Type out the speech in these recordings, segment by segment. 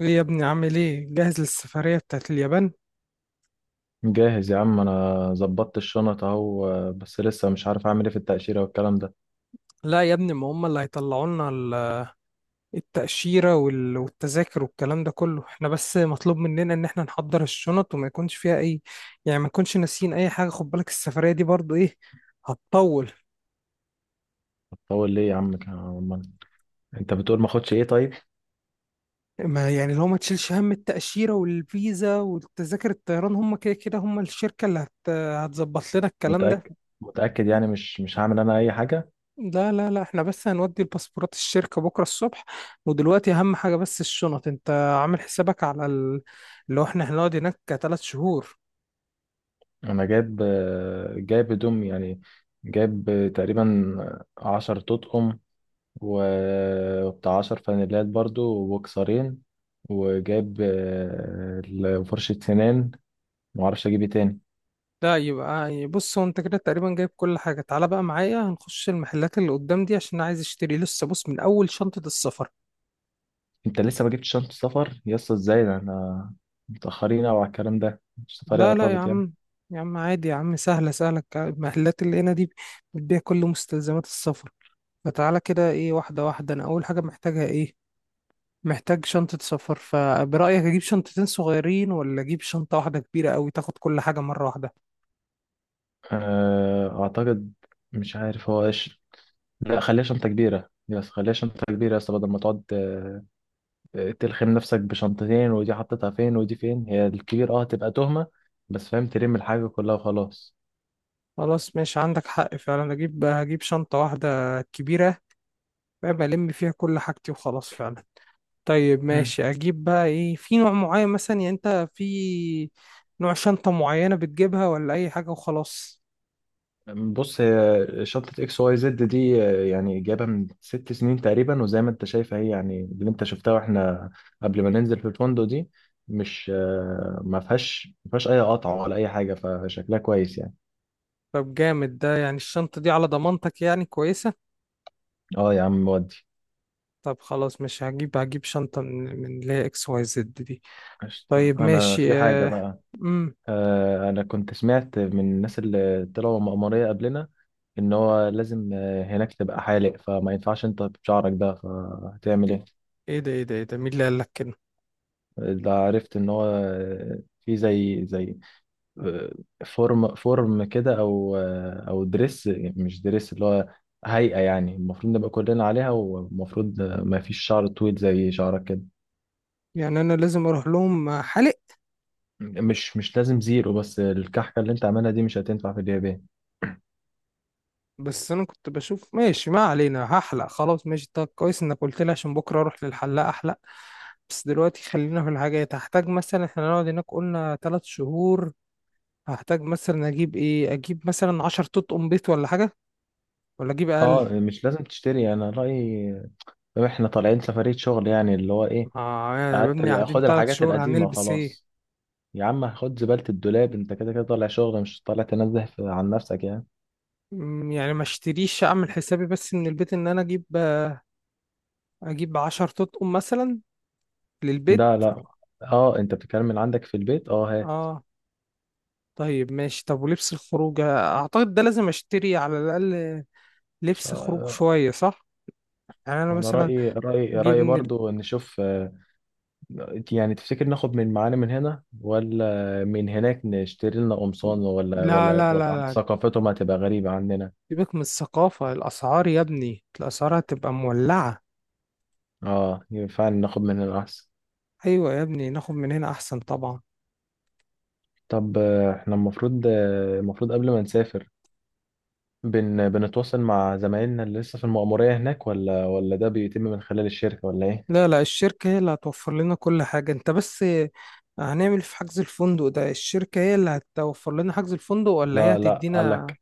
ايه يا ابني، عامل ايه؟ جاهز للسفرية بتاعت اليابان؟ جاهز يا عم، انا ظبطت الشنط اهو، بس لسه مش عارف اعمل ايه في التأشيرة والكلام ده. لا يا ابني، ما هم اللي هيطلعوا لنا التأشيرة وال- والتذاكر والكلام ده كله. احنا بس مطلوب مننا ان احنا نحضر الشنط وما يكونش فيها اي، يعني ما نكونش ناسيين اي حاجة. خد بالك السفرية دي برضو ايه، هتطول. هتطول ليه يا عم؟ أمال انت بتقول ما اخدش ايه؟ طيب، ما يعني لو ما تشيلش هم التأشيرة والفيزا والتذاكر الطيران، هم كده كده هم الشركة اللي هتظبط لنا الكلام ده. متأكد؟ متأكد يعني مش هعمل انا اي حاجة؟ لا لا لا، احنا بس هنودي الباسبورات الشركة بكرة الصبح. ودلوقتي أهم حاجة بس الشنط. انت عامل حسابك على اللي هو احنا هنقعد هناك تلات شهور؟ انا جايب، جايب هدوم يعني، جايب تقريبا 10 تطقم، وبتاع 10 فانيلات برضو وبوكسرين، وجايب فرشة سنان. معرفش اجيب ايه تاني. لا، يبقى بص، هو انت كده تقريبا جايب كل حاجة. تعالى بقى معايا، هنخش المحلات اللي قدام دي عشان أنا عايز اشتري لسه. بص، من أول شنطة السفر. انت لسه ما جبتش شنطة سفر يا اسطى؟ ازاي ده؟ انا متأخرين او على الكلام ده، السفرية لا لا يا قربت يعني. عم، يا عم عادي يا عم، سهلة، سهلة المحلات اللي هنا دي بتبيع كل مستلزمات السفر. فتعالى كده، ايه، واحدة واحدة. أنا أول حاجة محتاجها ايه؟ محتاج شنطة سفر. فبرأيك أجيب شنطتين صغيرين ولا أجيب شنطة واحدة كبيرة أوي تاخد كل حاجة مرة واحدة؟ اعتقد، مش عارف هو ايش. لا، خليها شنطة كبيرة، يس، خليها شنطة كبيرة يا اسطى، بدل ما تقعد تلخم نفسك بشنطتين، ودي حطيتها فين ودي فين، هي الكبير اه تبقى تهمة، بس فاهم، تلم الحاجة كلها وخلاص. خلاص ماشي، عندك حق فعلا. هجيب شنطة واحدة كبيرة بقى، بلم فيها كل حاجتي وخلاص فعلا. طيب ماشي، أجيب بقى إيه، في نوع معين مثلا؟ يعني أنت في نوع شنطة معينة بتجيبها ولا أي حاجة وخلاص؟ بص، هي شنطة XYZ دي يعني جايبها من 6 سنين تقريبا، وزي ما انت شايف هي يعني اللي انت شفتها واحنا قبل ما ننزل في الفندق دي، مش آه، ما فيهاش اي قطع ولا اي حاجة، فشكلها كويس يعني. طب جامد. ده يعني الشنطة دي على ضمانتك، يعني كويسة؟ اه يا عم، ودي طب خلاص ماشي، هجيب شنطة من اللي هي اكس واي زد دي. قشطة. طيب انا ماشي، في حاجة آه. بقى. مم. انا كنت سمعت من الناس اللي طلعوا مأمورية قبلنا ان هو لازم هناك تبقى حالق، فما ينفعش انت بشعرك ده، فهتعمل ايه؟ ايه ده؟ ايه ده؟ ايه ده؟ مين اللي قال لك كده؟ ده عرفت ان هو في زي فورم كده، او دريس، مش دريس، اللي هو هيئة يعني، المفروض نبقى كلنا عليها، والمفروض ما فيش شعر طويل زي شعرك كده. يعني انا لازم اروح لهم حلق؟ مش لازم زيرو، بس الكحكة اللي انت عاملها دي مش هتنفع في اليابان. بس انا كنت بشوف، ماشي، ما علينا، هحلق. خلاص ماشي، طب كويس انك قلت لي عشان بكره اروح للحلاق احلق. بس دلوقتي خلينا في الحاجات. هحتاج مثلا، احنا نقعد هناك قلنا ثلاث شهور، هحتاج مثلا اجيب ايه؟ اجيب مثلا 10 طوط قميص ولا حاجه، ولا اجيب اقل؟ اه مش لازم تشتري، انا رأيي احنا طالعين سفرية شغل، يعني اللي هو ايه، اه يا قعدت بني، قاعدين خد ثلاث الحاجات شهور القديمة هنلبس ايه؟ خلاص. يا عم خد زبالة الدولاب، انت كده كده طالع شغل، مش طالع تنزه عن نفسك يعني. يعني ما اشتريش، اعمل حسابي بس من البيت ان انا اجيب 10 طقم مثلا للبيت. لا لا، اه انت بتتكلم من عندك في البيت، اه هات. اه. طيب ماشي، طب ولبس الخروج اعتقد ده لازم اشتري على الاقل لبس خروج آه، شوية، صح؟ يعني انا وانا مثلا رايي رايي اجيب رايي من ال... برضو نشوف. يعني تفتكر ناخد من معانا من هنا ولا من هناك نشتري لنا قمصان، ولا لا ولا لا لا ولا لا، ثقافتهم هتبقى غريبة عننا؟ سيبك من الثقافة، الاسعار يا ابني، الاسعار هتبقى مولعة. اه، يبقى فعلا ناخد من هنا احسن. ايوه يا ابني، ناخد من هنا احسن طبعا. طب احنا المفروض، المفروض قبل ما نسافر بنتواصل مع زمايلنا اللي لسه في المأمورية هناك، ولا ده بيتم من خلال الشركة؟ ولا ايه؟ لا لا، الشركة هي اللي هتوفر لنا كل حاجة. انت بس هنعمل في حجز الفندق ده؟ الشركة هي اللي هتوفر لنا حجز الفندق، ولا هي لا لا، قال هتدينا؟ لك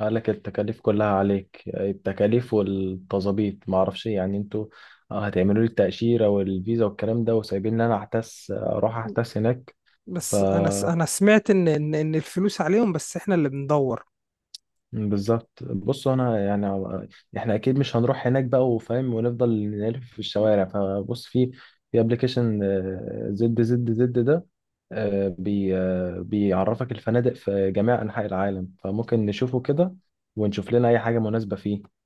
قال لك التكاليف كلها عليك، التكاليف والتظابيط ما اعرفش إيه، يعني انتوا هتعملوا لي التأشيرة والفيزا والكلام ده، وسايبين لي انا احتس اروح احتس هناك. ف بس انا سمعت ان ان إن الفلوس عليهم، بس احنا اللي بندور. بالظبط، بص انا يعني احنا اكيد مش هنروح هناك بقى وفاهم ونفضل نلف في الشوارع، فبص، في ابلكيشن ZZZ ده آه، بي آه، بيعرفك الفنادق في جميع انحاء العالم، فممكن نشوفه كده ونشوف لنا اي حاجة مناسبة فيه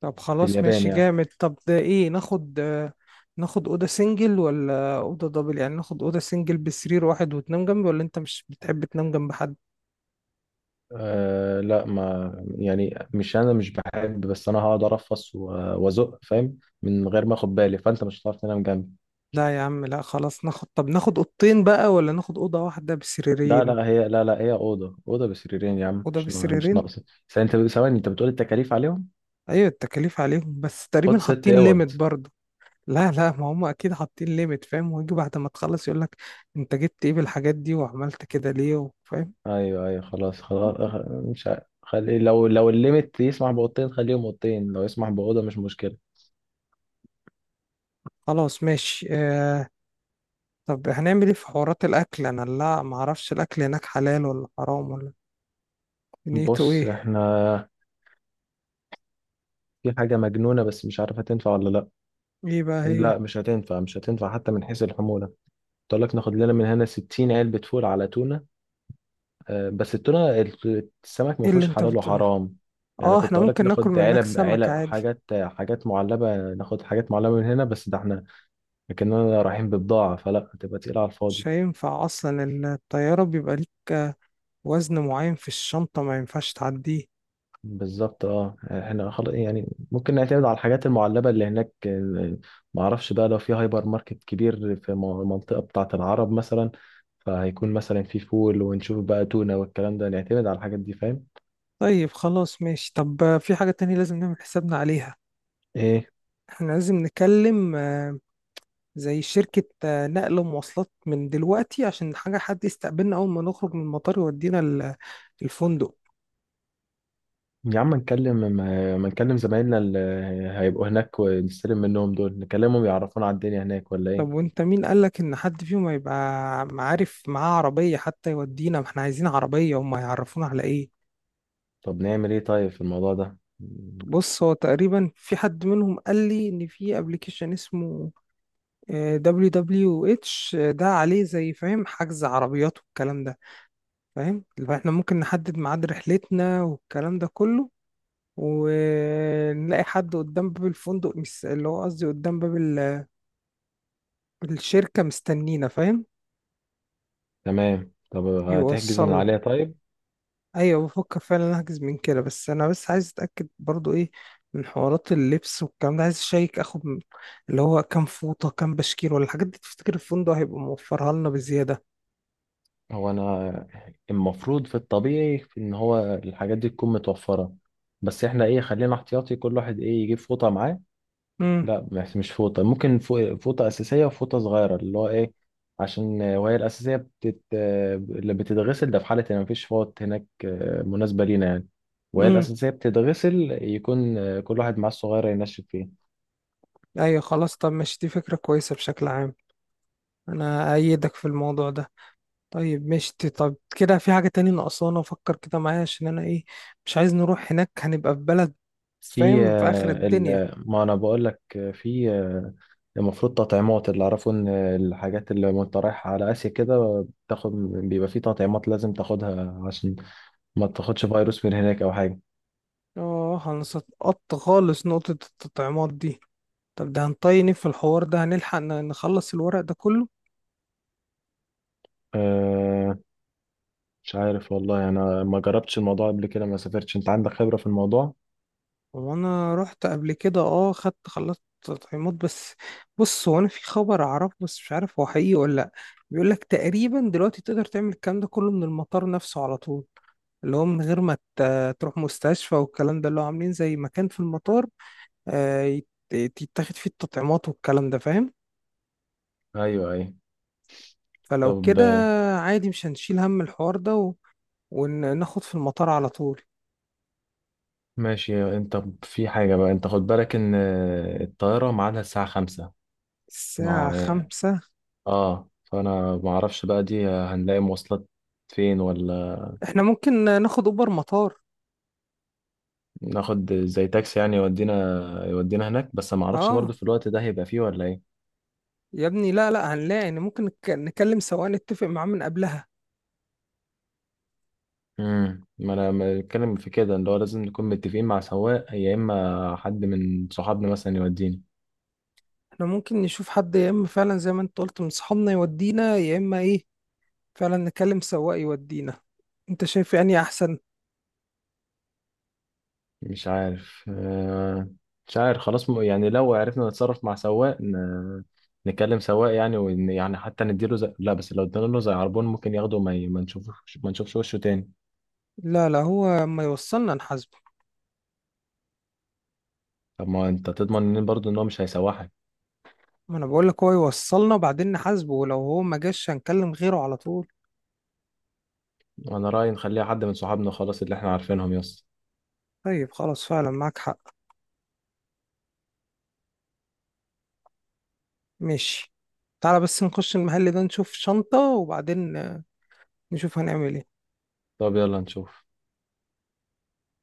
طب في خلاص اليابان ماشي يعني. جامد. طب ده ايه، ناخد ناخد اوضه سنجل ولا اوضه دبل؟ يعني ناخد اوضه سنجل بسرير واحد وتنام جنبي، ولا انت مش بتحب تنام جنب حد؟ أه لا، ما يعني مش انا مش بحب، بس انا هقعد ارفص وازق فاهم من غير ما اخد بالي، فانت مش هتعرف تنام جنبي. لا يا عم لا، خلاص ناخد، طب ناخد اوضتين بقى ولا ناخد اوضه واحده لا بسريرين؟ لا، هي اوضه بسريرين يا عم، اوضه مش بسريرين. ناقصه. بس انت ثواني، انت بتقول التكاليف عليهم، ايوه، التكاليف عليهم، بس تقريبا خد ست حاطين اوض ليميت برضه. لا لا، ما هم اكيد حاطين ليميت، فاهم؟ ويجي بعد ما تخلص يقول لك انت جبت ايه بالحاجات دي وعملت كده ليه، فاهم؟ ايوه ايوه، خلاص خلاص، مش عارف. خلي لو، الليمت يسمح باوضتين خليهم اوضتين، لو يسمح باوضه مش مشكله. خلاص ماشي، طب هنعمل ايه في حوارات الاكل؟ انا لا، ما اعرفش الاكل هناك حلال ولا حرام ولا نيته بص ايه. احنا في حاجه مجنونه بس مش عارفه تنفع ولا لا. ايه بقى هي؟ لا، مش هتنفع، مش هتنفع حتى من حيث الحمولة. قلت لك ناخد لنا من هنا 60 علبة فول على تونة، بس التونة السمك ما ايه اللي فيهوش انت حلال بتقوله؟ وحرام، يعني اه، كنت احنا اقول لك ممكن ناكل ناخد من هناك علب سمك علب عادي. حاجات معلبة، ناخد حاجات معلبة من هنا، بس ده احنا كأننا رايحين ببضاعة، فلا هتبقى تقيلة على مش الفاضي. هينفع اصلا، الطيارة بيبقى ليك وزن معين في الشنطة ما ينفعش تعديه. بالظبط، اه احنا خلاص يعني ممكن نعتمد على الحاجات المعلبة اللي هناك. ما اعرفش بقى، لو في هايبر ماركت كبير في المنطقة بتاعة العرب مثلا فهيكون مثلا في فول، ونشوف بقى تونة والكلام ده، نعتمد على الحاجات دي فاهم. طيب خلاص ماشي، طب في حاجة تانية لازم نعمل حسابنا عليها. ايه احنا لازم نكلم زي شركة نقل ومواصلات من دلوقتي، عشان حاجة حد يستقبلنا أول ما نخرج من المطار يودينا الفندق. يا عم، نكلم ما نكلم زمايلنا اللي هيبقوا هناك، ونستلم منهم دول، نكلمهم يعرفونا على الدنيا هناك، ولا طب ايه؟ وانت مين قالك ان حد فيهم هيبقى عارف معاه عربية حتى يودينا؟ ما احنا عايزين عربية، هم هيعرفونا على ايه؟ طب نعمل ايه طيب في الموضوع ده؟ بص هو تقريبا في حد منهم قال لي ان في ابلكيشن اسمه WWH. ده عليه زي، فاهم، حجز عربيات والكلام ده، فاهم، اللي هو احنا ممكن نحدد ميعاد رحلتنا والكلام ده كله، ونلاقي حد قدام باب الفندق، اللي هو قصدي قدام باب الشركة مستنينا، فاهم. تمام، طب هتحجز من يوصلنا. عليها طيب. ايوه، بفكر فعلا احجز من كده، بس انا بس عايز اتاكد برضو ايه من حوارات اللبس والكلام ده. عايز اشيك اخد اللي هو كام فوطه، كام بشكير، ولا الحاجات دي تفتكر الفندق هيبقى موفرها لنا بزياده؟ هو انا المفروض في الطبيعي، في ان هو الحاجات دي تكون متوفرة، بس احنا ايه، خلينا احتياطي، كل واحد ايه يجيب فوطة معاه. امم، لا، مش فوطة، ممكن فوطة أساسية وفوطة صغيرة اللي هو إيه، عشان وهي الأساسية بتت... آه، اللي بتتغسل، ده في حالة إن مفيش فوط هناك مناسبة لينا يعني، وهي امم، الأساسية بتتغسل يكون كل واحد معاه الصغيرة ينشف فيه. ايوه خلاص. طب ماشي، دي فكره كويسه بشكل عام. انا ايدك في الموضوع ده. طيب ماشي، طب كده في حاجه تاني ناقصانا؟ فكر كده معايا، عشان انا ايه، مش عايز نروح هناك هنبقى في بلد، في فاهم، في اخر الدنيا. ما أنا بقول لك، آه، في آه، المفروض تطعيمات، اللي أعرفه إن الحاجات اللي وأنت رايح على آسيا كده بتاخد، بيبقى في تطعيمات لازم تاخدها عشان ما تاخدش فيروس من هناك أو حاجة. اه، هنسقط خالص نقطه التطعيمات دي. طب ده هنطيني في الحوار ده، هنلحق نخلص الورق ده كله؟ آه، مش عارف والله، انا ما جربتش الموضوع قبل كده، ما سافرتش، انت عندك خبرة في الموضوع. وانا رحت قبل كده، اه، خدت، خلصت تطعيمات. بس بص، هو انا في خبر اعرفه بس مش عارف هو حقيقي ولا لا. بيقول لك تقريبا دلوقتي تقدر تعمل الكلام ده كله من المطار نفسه على طول، اللي هو من غير ما تروح مستشفى والكلام ده، اللي هو عاملين زي مكان في المطار، يتاخد فيه التطعيمات والكلام ده، فاهم. ايوه ايوه، فلو طب كده عادي، مش هنشيل هم الحوار ده، و- وناخد في المطار على طول. ماشي. انت في حاجة بقى، انت خد بالك ان الطيارة ميعادها الساعة 5 مع الساعة 5. اه، فانا ما اعرفش بقى دي هنلاقي مواصلات فين ولا، احنا ممكن ناخد اوبر مطار. ناخد زي تاكسي يعني يودينا، هناك بس ما اعرفش برضو اه في الوقت ده هيبقى فيه ولا ايه. يا ابني لا لا، هنلاقي، يعني ممكن نكلم سواق نتفق معاه من قبلها. ما انا ما بتكلم في كده، اللي هو لازم نكون متفقين مع سواق، يا اما حد من صحابنا مثلا يوديني. احنا ممكن نشوف حد، يا اما فعلا زي ما انت قلت من صحابنا يودينا، يا اما ايه، فعلا نكلم سواق يودينا، انت شايف يعني احسن. مش عارف، خلاص، يعني لو عرفنا نتصرف مع سواق، نكلم سواق يعني يعني حتى نديله زي... لا بس لو ادينا له زي عربون ممكن ياخده، وما ما نشوفش وشه تاني. لا لا، هو ما يوصلنا نحاسبه. طب ما انت تضمن ان برضه ان هو مش هيسوحك؟ ما انا بقول لك هو يوصلنا وبعدين نحاسبه، ولو هو ما جاش هنكلم غيره على طول. انا رأيي نخليها حد من صحابنا خلاص اللي احنا عارفينهم، يس. طيب خلاص فعلا، معاك حق. ماشي. تعالى بس نخش المحل ده، نشوف شنطة، وبعدين نشوف هنعمل ايه. طب يلا نشوف.